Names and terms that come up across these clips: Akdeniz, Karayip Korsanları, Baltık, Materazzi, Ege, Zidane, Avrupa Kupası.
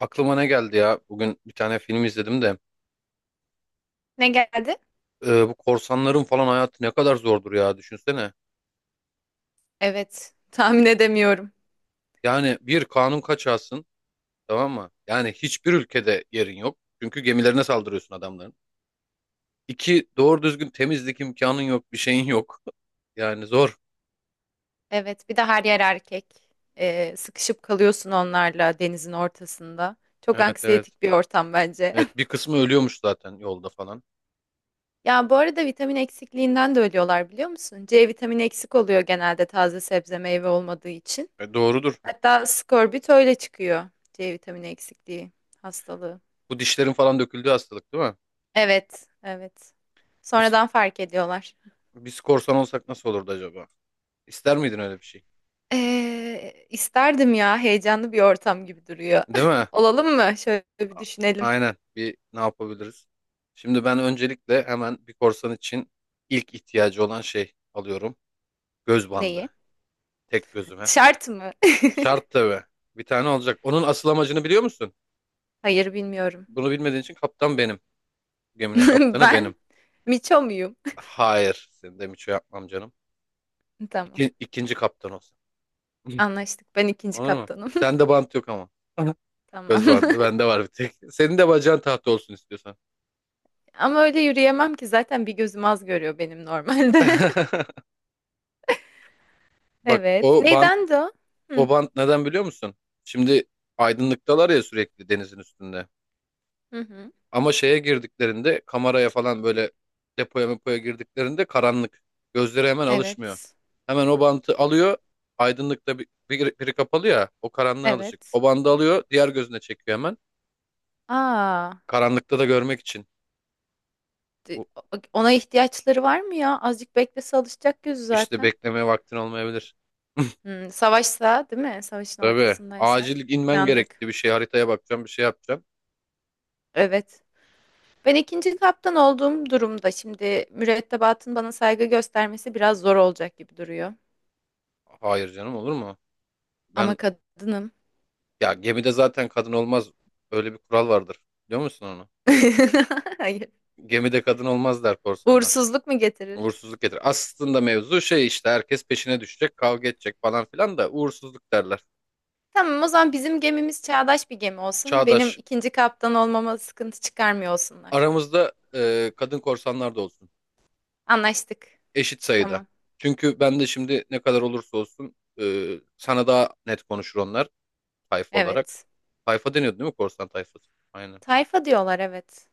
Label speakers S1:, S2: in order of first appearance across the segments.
S1: Aklıma ne geldi ya? Bugün bir tane film izledim de.
S2: Ne geldi?
S1: Bu korsanların falan hayatı ne kadar zordur ya düşünsene.
S2: Evet, tahmin edemiyorum.
S1: Yani bir kanun kaçağısın, tamam mı? Yani hiçbir ülkede yerin yok. Çünkü gemilerine saldırıyorsun adamların. İki doğru düzgün temizlik imkanın yok, bir şeyin yok. Yani zor.
S2: Evet, bir de her yer erkek. Sıkışıp kalıyorsun onlarla denizin ortasında. Çok
S1: Evet, evet.
S2: anksiyetik bir ortam bence.
S1: Evet, bir kısmı ölüyormuş zaten yolda falan.
S2: Ya bu arada vitamin eksikliğinden de ölüyorlar biliyor musun? C vitamini eksik oluyor genelde taze sebze meyve olmadığı için.
S1: E, doğrudur.
S2: Hatta skorbut öyle çıkıyor. C vitamini eksikliği hastalığı.
S1: Bu dişlerin falan döküldüğü hastalık değil mi?
S2: Evet, evet.
S1: Biz,
S2: Sonradan fark ediyorlar.
S1: biz korsan olsak nasıl olurdu acaba? İster miydin öyle bir şey?
S2: İsterdim ya, heyecanlı bir ortam gibi duruyor.
S1: Değil mi?
S2: Olalım mı? Şöyle bir
S1: A-
S2: düşünelim.
S1: Aynen. Bir ne yapabiliriz? Şimdi ben öncelikle hemen bir korsan için ilk ihtiyacı olan şey alıyorum. Göz
S2: Neyi?
S1: bandı. Tek gözüme.
S2: Şart mı?
S1: Şart tabii. Bir tane olacak. Onun asıl amacını biliyor musun?
S2: Hayır, bilmiyorum.
S1: Bunu bilmediğin için kaptan benim. Geminin kaptanı benim.
S2: Ben Miço muyum?
S1: Hayır. Senin de miço yapmam canım.
S2: Tamam.
S1: İki, ikinci kaptan olsun.
S2: Anlaştık. Ben ikinci
S1: Olur mu?
S2: kaptanım.
S1: Sende bant yok ama.
S2: Tamam.
S1: Göz bandı. Bende var bir tek. Senin de bacağın tahta olsun istiyorsan.
S2: Ama öyle yürüyemem ki, zaten bir gözüm az görüyor benim normalde.
S1: Bak
S2: Evet.
S1: o bant
S2: Neyden de o? Hı
S1: O bant neden biliyor musun? Şimdi aydınlıktalar ya sürekli denizin üstünde.
S2: hı. Hı.
S1: Ama şeye girdiklerinde, kameraya falan böyle, depoya mepoya girdiklerinde karanlık. Gözleri hemen alışmıyor.
S2: Evet.
S1: Hemen o bantı alıyor. Aydınlıkta biri kapalı ya, o karanlığa alışık.
S2: Evet.
S1: O bandı alıyor, diğer gözüne çekiyor hemen.
S2: Aa,
S1: Karanlıkta da görmek için.
S2: d-
S1: Bu
S2: ona ihtiyaçları var mı ya? Azıcık beklese alışacak gözü
S1: işte
S2: zaten.
S1: beklemeye vaktin olmayabilir.
S2: Hmm, savaşsa, değil mi? Savaşın
S1: Tabii
S2: ortasındaysak
S1: acil inmen
S2: yandık.
S1: gerekti, bir şey haritaya bakacağım, bir şey yapacağım.
S2: Evet. Ben ikinci kaptan olduğum durumda şimdi mürettebatın bana saygı göstermesi biraz zor olacak gibi duruyor.
S1: Hayır canım, olur mu?
S2: Ama
S1: Ben
S2: kadınım.
S1: Ya gemide zaten kadın olmaz. Öyle bir kural vardır. Biliyor musun onu?
S2: Hayır.
S1: Gemide kadın olmaz der korsanlar.
S2: Uğursuzluk mu getirir?
S1: Uğursuzluk getirir. Aslında mevzu şey işte, herkes peşine düşecek, kavga edecek falan filan da uğursuzluk derler.
S2: Tamam, o zaman bizim gemimiz çağdaş bir gemi olsun. Benim
S1: Çağdaş,
S2: ikinci kaptan olmama sıkıntı çıkarmıyor olsunlar.
S1: aramızda kadın korsanlar da olsun.
S2: Anlaştık.
S1: Eşit sayıda.
S2: Tamam.
S1: Çünkü ben de şimdi ne kadar olursa olsun sana daha net konuşur onlar, tayfa olarak.
S2: Evet.
S1: Tayfa deniyordu değil mi, korsan tayfası? Aynen.
S2: Tayfa diyorlar, evet.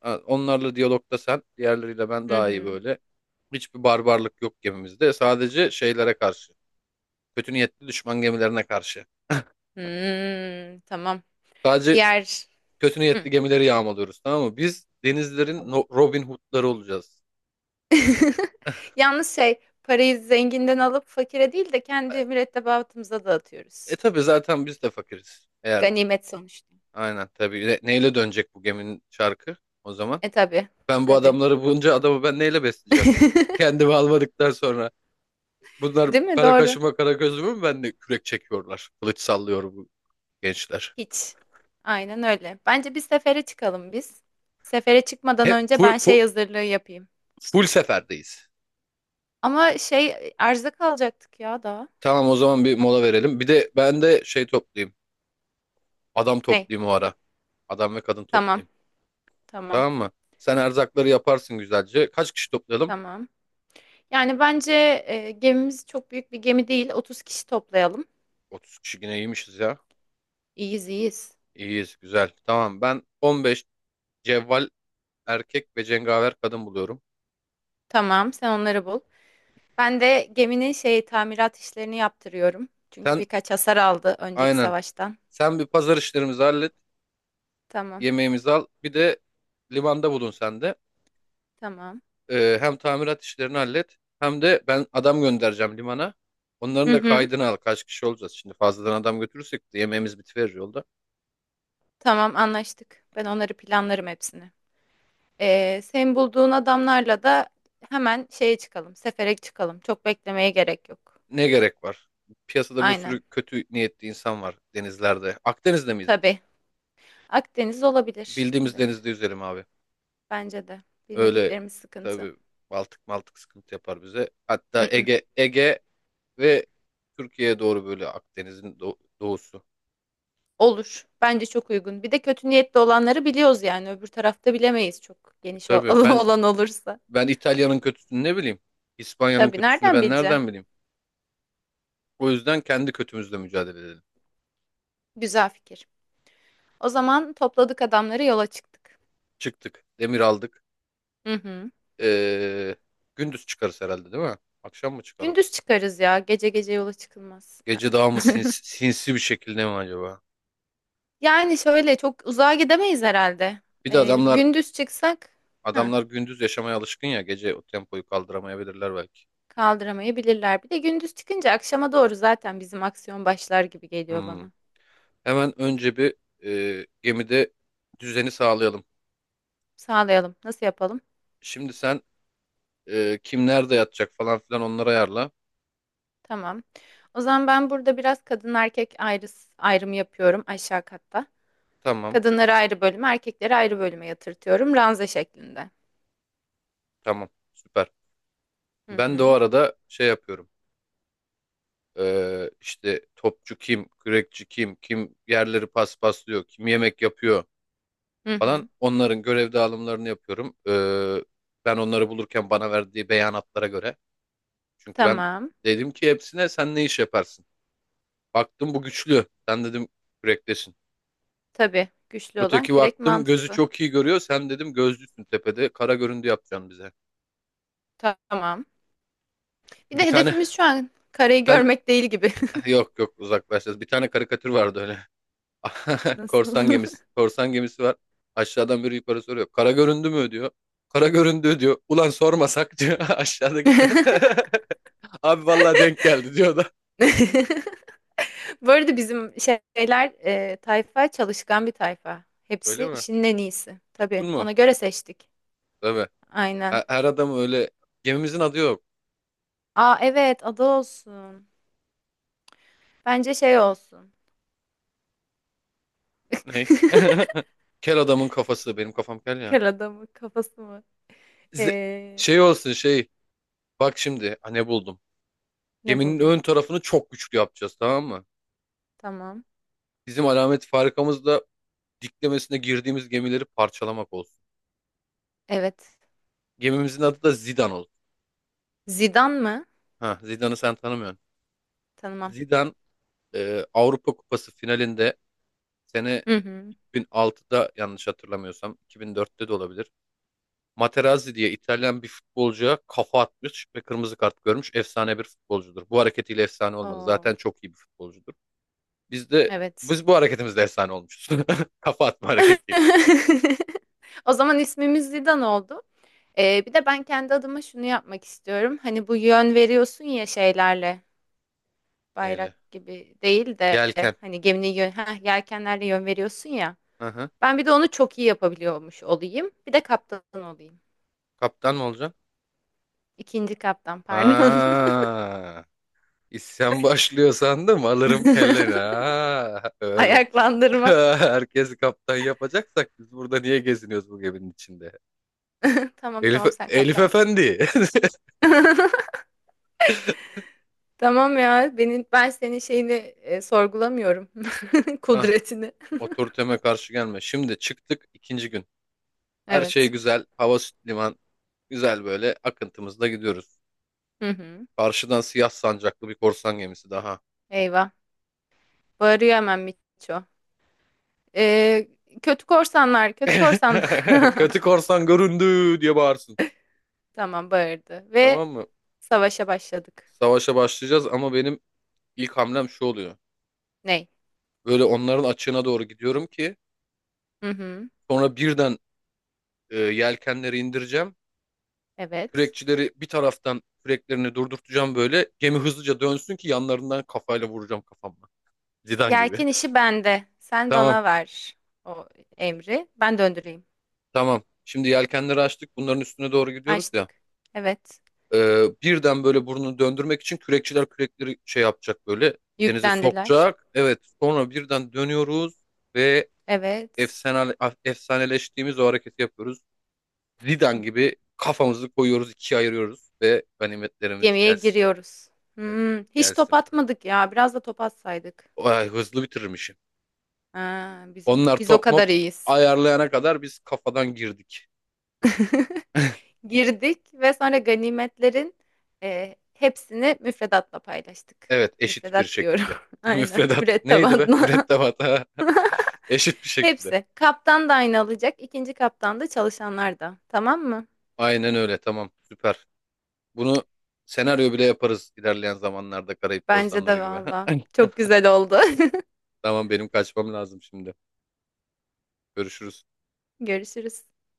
S1: Ha, onlarla diyalogda sen, diğerleriyle ben,
S2: Hı
S1: daha iyi
S2: hı.
S1: böyle. Hiçbir barbarlık yok gemimizde. Sadece şeylere karşı. Kötü niyetli düşman gemilerine karşı.
S2: Hmm, tamam.
S1: Sadece
S2: Diğer...
S1: kötü
S2: Hı,
S1: niyetli gemileri yağmalıyoruz, tamam mı? Biz denizlerin
S2: tamam.
S1: Robin Hood'ları olacağız.
S2: Yalnız şey, parayı zenginden alıp fakire değil de kendi mürettebatımıza
S1: E
S2: dağıtıyoruz.
S1: e, tabii zaten biz de fakiriz. Eğer
S2: Ganimet sonuçta.
S1: aynen, tabii. Neyle dönecek bu geminin çarkı o zaman?
S2: E tabii.
S1: Ben bu
S2: Tabii.
S1: adamları, bunca adamı ben neyle besleyeceğim? Kendimi almadıktan sonra bunlar
S2: Değil mi?
S1: kara
S2: Doğru.
S1: kaşıma kara gözüme mi ben de kürek çekiyorlar? Kılıç sallıyor bu gençler.
S2: Hiç. Aynen öyle. Bence bir sefere çıkalım biz. Sefere çıkmadan
S1: Hep
S2: önce ben şey hazırlığı yapayım.
S1: full seferdeyiz.
S2: Ama şey, arıza kalacaktık ya daha.
S1: Tamam o zaman bir mola verelim. Bir de ben de şey toplayayım. Adam
S2: Ne?
S1: toplayayım o ara. Adam ve kadın
S2: Tamam.
S1: toplayayım.
S2: Tamam.
S1: Tamam mı? Sen erzakları yaparsın güzelce. Kaç kişi toplayalım?
S2: Tamam. Yani bence, gemimiz çok büyük bir gemi değil. 30 kişi toplayalım.
S1: 30 kişi yine iyiymişiz ya.
S2: İyiyiz, iyiyiz.
S1: İyiyiz güzel. Tamam ben 15 cevval erkek ve cengaver kadın buluyorum.
S2: Tamam, sen onları bul. Ben de geminin şey tamirat işlerini yaptırıyorum. Çünkü
S1: Sen
S2: birkaç hasar aldı önceki
S1: aynen.
S2: savaştan.
S1: Sen bir pazar işlerimizi hallet.
S2: Tamam,
S1: Yemeğimizi al. Bir de limanda bulun sen de.
S2: tamam.
S1: Hem tamirat işlerini hallet, hem de ben adam göndereceğim limana.
S2: Hı
S1: Onların da
S2: hı.
S1: kaydını al. Kaç kişi olacağız şimdi, fazladan adam götürürsek de yemeğimiz bitiverir yolda.
S2: Tamam, anlaştık. Ben onları planlarım hepsini. Senin bulduğun adamlarla da hemen şeye çıkalım. Sefere çıkalım. Çok beklemeye gerek yok.
S1: Ne gerek var? Piyasada bir
S2: Aynen.
S1: sürü kötü niyetli insan var denizlerde. Akdeniz'de miyiz biz?
S2: Tabii. Akdeniz olabilir.
S1: Bildiğimiz
S2: Evet.
S1: denizde yüzelim abi.
S2: Bence de.
S1: Öyle
S2: Bilmediklerimiz sıkıntı.
S1: tabii, Baltık Maltık sıkıntı yapar bize.
S2: Hı
S1: Hatta
S2: hı.
S1: Ege ve Türkiye'ye doğru böyle, Akdeniz'in doğusu.
S2: Olur. Bence çok uygun. Bir de kötü niyetli olanları biliyoruz yani. Öbür tarafta bilemeyiz, çok
S1: E
S2: geniş
S1: tabii
S2: alan olursa.
S1: ben İtalya'nın kötüsünü ne bileyim? İspanya'nın
S2: Tabii,
S1: kötüsünü
S2: nereden
S1: ben
S2: bileceksin?
S1: nereden bileyim? O yüzden kendi kötümüzle mücadele edelim.
S2: Güzel fikir. O zaman topladık adamları, yola çıktık.
S1: Çıktık. Demir aldık.
S2: Hı hı.
S1: Ee, gündüz çıkarız herhalde değil mi? Akşam mı çıkalım?
S2: Gündüz çıkarız ya. Gece gece yola çıkılmaz. Aa.
S1: Gece daha mı sinsi bir şekilde mi acaba?
S2: Yani şöyle çok uzağa gidemeyiz herhalde.
S1: Bir de
S2: Gündüz çıksak, hı,
S1: adamlar gündüz yaşamaya alışkın ya. Gece o tempoyu kaldıramayabilirler belki.
S2: kaldıramayabilirler. Bir de gündüz çıkınca akşama doğru zaten bizim aksiyon başlar gibi geliyor
S1: Hmm.
S2: bana.
S1: Hemen önce bir, gemide düzeni sağlayalım.
S2: Sağlayalım. Nasıl yapalım?
S1: Şimdi sen, kim nerede yatacak falan filan, onları ayarla.
S2: Tamam. O zaman ben burada biraz kadın erkek ayrı, ayrımı yapıyorum aşağı katta.
S1: Tamam.
S2: Kadınları ayrı bölüme, erkekleri ayrı bölüme yatırtıyorum ranza şeklinde.
S1: Tamam. Süper.
S2: Hı
S1: Ben de o
S2: hı.
S1: arada şey yapıyorum. İşte topçu kim, kürekçi kim, kim yerleri paspaslıyor, kim yemek yapıyor
S2: Hı
S1: falan.
S2: hı.
S1: Onların görev dağılımlarını yapıyorum. Ben onları bulurken bana verdiği beyanatlara göre. Çünkü ben
S2: Tamam.
S1: dedim ki hepsine, sen ne iş yaparsın? Baktım bu güçlü. Sen dedim kürektesin.
S2: Tabii. Güçlü olan
S1: Öteki
S2: kürek
S1: baktım gözü
S2: mantıklı.
S1: çok iyi görüyor. Sen dedim gözlüsün tepede. Kara göründü yapacaksın bize.
S2: Tamam. Bir
S1: Bir
S2: de
S1: tane
S2: hedefimiz şu an karayı
S1: ben
S2: görmek değil gibi.
S1: yok yok, uzaklaşacağız. Bir tane karikatür vardı öyle. Korsan
S2: Nasıl?
S1: gemisi. Korsan gemisi var. Aşağıdan biri yukarı soruyor. Kara göründü mü diyor. Kara göründü diyor. Ulan sormasak diyor aşağıdaki de. Abi vallahi denk geldi diyor da.
S2: Bu arada bizim şeyler, tayfa çalışkan bir tayfa.
S1: Öyle
S2: Hepsi
S1: mi?
S2: işinin en iyisi.
S1: Tuttun
S2: Tabii.
S1: mu?
S2: Ona göre seçtik.
S1: Tabii.
S2: Aynen.
S1: Her adam öyle. Gemimizin adı yok.
S2: Aa, evet, adı olsun. Bence şey olsun.
S1: Ne? Kel adamın kafası. Benim kafam kel ya.
S2: Kar adamı kafası mı?
S1: Z-
S2: Ee,
S1: Şey olsun şey. Bak şimdi. Ha, ne buldum.
S2: Ne
S1: Geminin
S2: buldun?
S1: ön tarafını çok güçlü yapacağız, tamam mı?
S2: Tamam.
S1: Bizim alamet farikamız da diklemesine girdiğimiz gemileri parçalamak olsun.
S2: Evet.
S1: Gemimizin adı da Zidane oldu.
S2: Zidane mı?
S1: Ha, Zidane'ı sen tanımıyorsun.
S2: Tanımam.
S1: Zidane Avrupa Kupası finalinde, sene
S2: Hı hı.
S1: 2006'da, yanlış hatırlamıyorsam 2004'te de olabilir. Materazzi diye İtalyan bir futbolcuya kafa atmış ve kırmızı kart görmüş. Efsane bir futbolcudur. Bu hareketiyle efsane olmadı.
S2: Oo,
S1: Zaten çok iyi bir futbolcudur. Biz de
S2: evet.
S1: Biz bu hareketimizle efsane olmuşuz. Kafa atma hareketiyle.
S2: O zaman ismimiz Zidane oldu. Bir de ben kendi adıma şunu yapmak istiyorum. Hani bu yön veriyorsun ya şeylerle,
S1: Neyle?
S2: bayrak gibi değil de
S1: Yelken.
S2: hani geminin yön, yelkenlerle yön veriyorsun ya.
S1: Hı hı.
S2: Ben bir de onu çok iyi yapabiliyormuş olayım. Bir de kaptan olayım.
S1: Kaptan mı olacaksın?
S2: İkinci kaptan, pardon.
S1: Ha. İsyan başlıyor sandım, alırım kelleni. Ha, öyle.
S2: Ayaklandırma.
S1: Herkesi kaptan yapacaksak biz burada niye geziniyoruz bu geminin içinde?
S2: Tamam, tamam, sen
S1: Elif
S2: kaptansın.
S1: Efendi.
S2: Tamam ya, ben senin şeyini, sorgulamıyorum.
S1: Ah,
S2: Kudretini.
S1: otoriteme karşı gelme. Şimdi çıktık, ikinci gün. Her şey
S2: Evet.
S1: güzel. Hava süt liman. Güzel böyle akıntımızla gidiyoruz.
S2: Hı hı.
S1: Karşıdan siyah sancaklı bir korsan gemisi daha.
S2: Eyvah. Bağırıyor hemen Miço. Ee, Kötü korsanlar, kötü korsanlar.
S1: Kötü korsan göründü diye bağırsın.
S2: Tamam, bağırdı. Ve
S1: Tamam mı?
S2: savaşa başladık.
S1: Savaşa başlayacağız ama benim ilk hamlem şu oluyor.
S2: Ney?
S1: Böyle onların açığına doğru gidiyorum ki
S2: Hı hı.
S1: sonra birden, yelkenleri indireceğim.
S2: Evet.
S1: Kürekçileri bir taraftan küreklerini durdurtacağım böyle. Gemi hızlıca dönsün ki yanlarından kafayla vuracağım, kafamla. Zidane gibi.
S2: Yelken işi bende. Sen
S1: Tamam,
S2: bana ver o emri. Ben döndüreyim.
S1: tamam. Şimdi yelkenleri açtık. Bunların üstüne doğru gidiyoruz ya.
S2: Açtık. Evet.
S1: E, Birden böyle burnunu döndürmek için kürekçiler kürekleri şey yapacak böyle. Denize
S2: Yüklendiler.
S1: sokacak. Evet, sonra birden dönüyoruz ve
S2: Evet.
S1: efsane, efsaneleştiğimiz o hareketi yapıyoruz. Zidane gibi kafamızı koyuyoruz, ikiye ayırıyoruz ve ganimetlerimiz
S2: Gemiye
S1: gelsin.
S2: giriyoruz.
S1: Evet,
S2: Hmm, hiç top
S1: gelsin.
S2: atmadık ya. Biraz da top atsaydık.
S1: Ay, hızlı bitirmişim.
S2: Ha, bizim
S1: Onlar
S2: biz o
S1: top
S2: kadar
S1: mop
S2: iyiyiz.
S1: ayarlayana kadar biz kafadan girdik.
S2: Girdik ve sonra ganimetlerin, hepsini müfredatla paylaştık.
S1: Evet, eşit bir
S2: Müfredat diyorum.
S1: şekilde.
S2: Aynen.
S1: Müfredat neydi be?
S2: Mürettebatla.
S1: Mürettebat ha. Eşit bir şekilde.
S2: Hepsi. Kaptan da aynı alacak, ikinci kaptan da, çalışanlar da. Tamam mı?
S1: Aynen öyle. Tamam, süper. Bunu senaryo bile yaparız ilerleyen zamanlarda, Karayip
S2: Bence
S1: Korsanları
S2: de
S1: gibi.
S2: valla. Çok güzel oldu.
S1: Tamam, benim kaçmam lazım şimdi. Görüşürüz.
S2: Görüşürüz.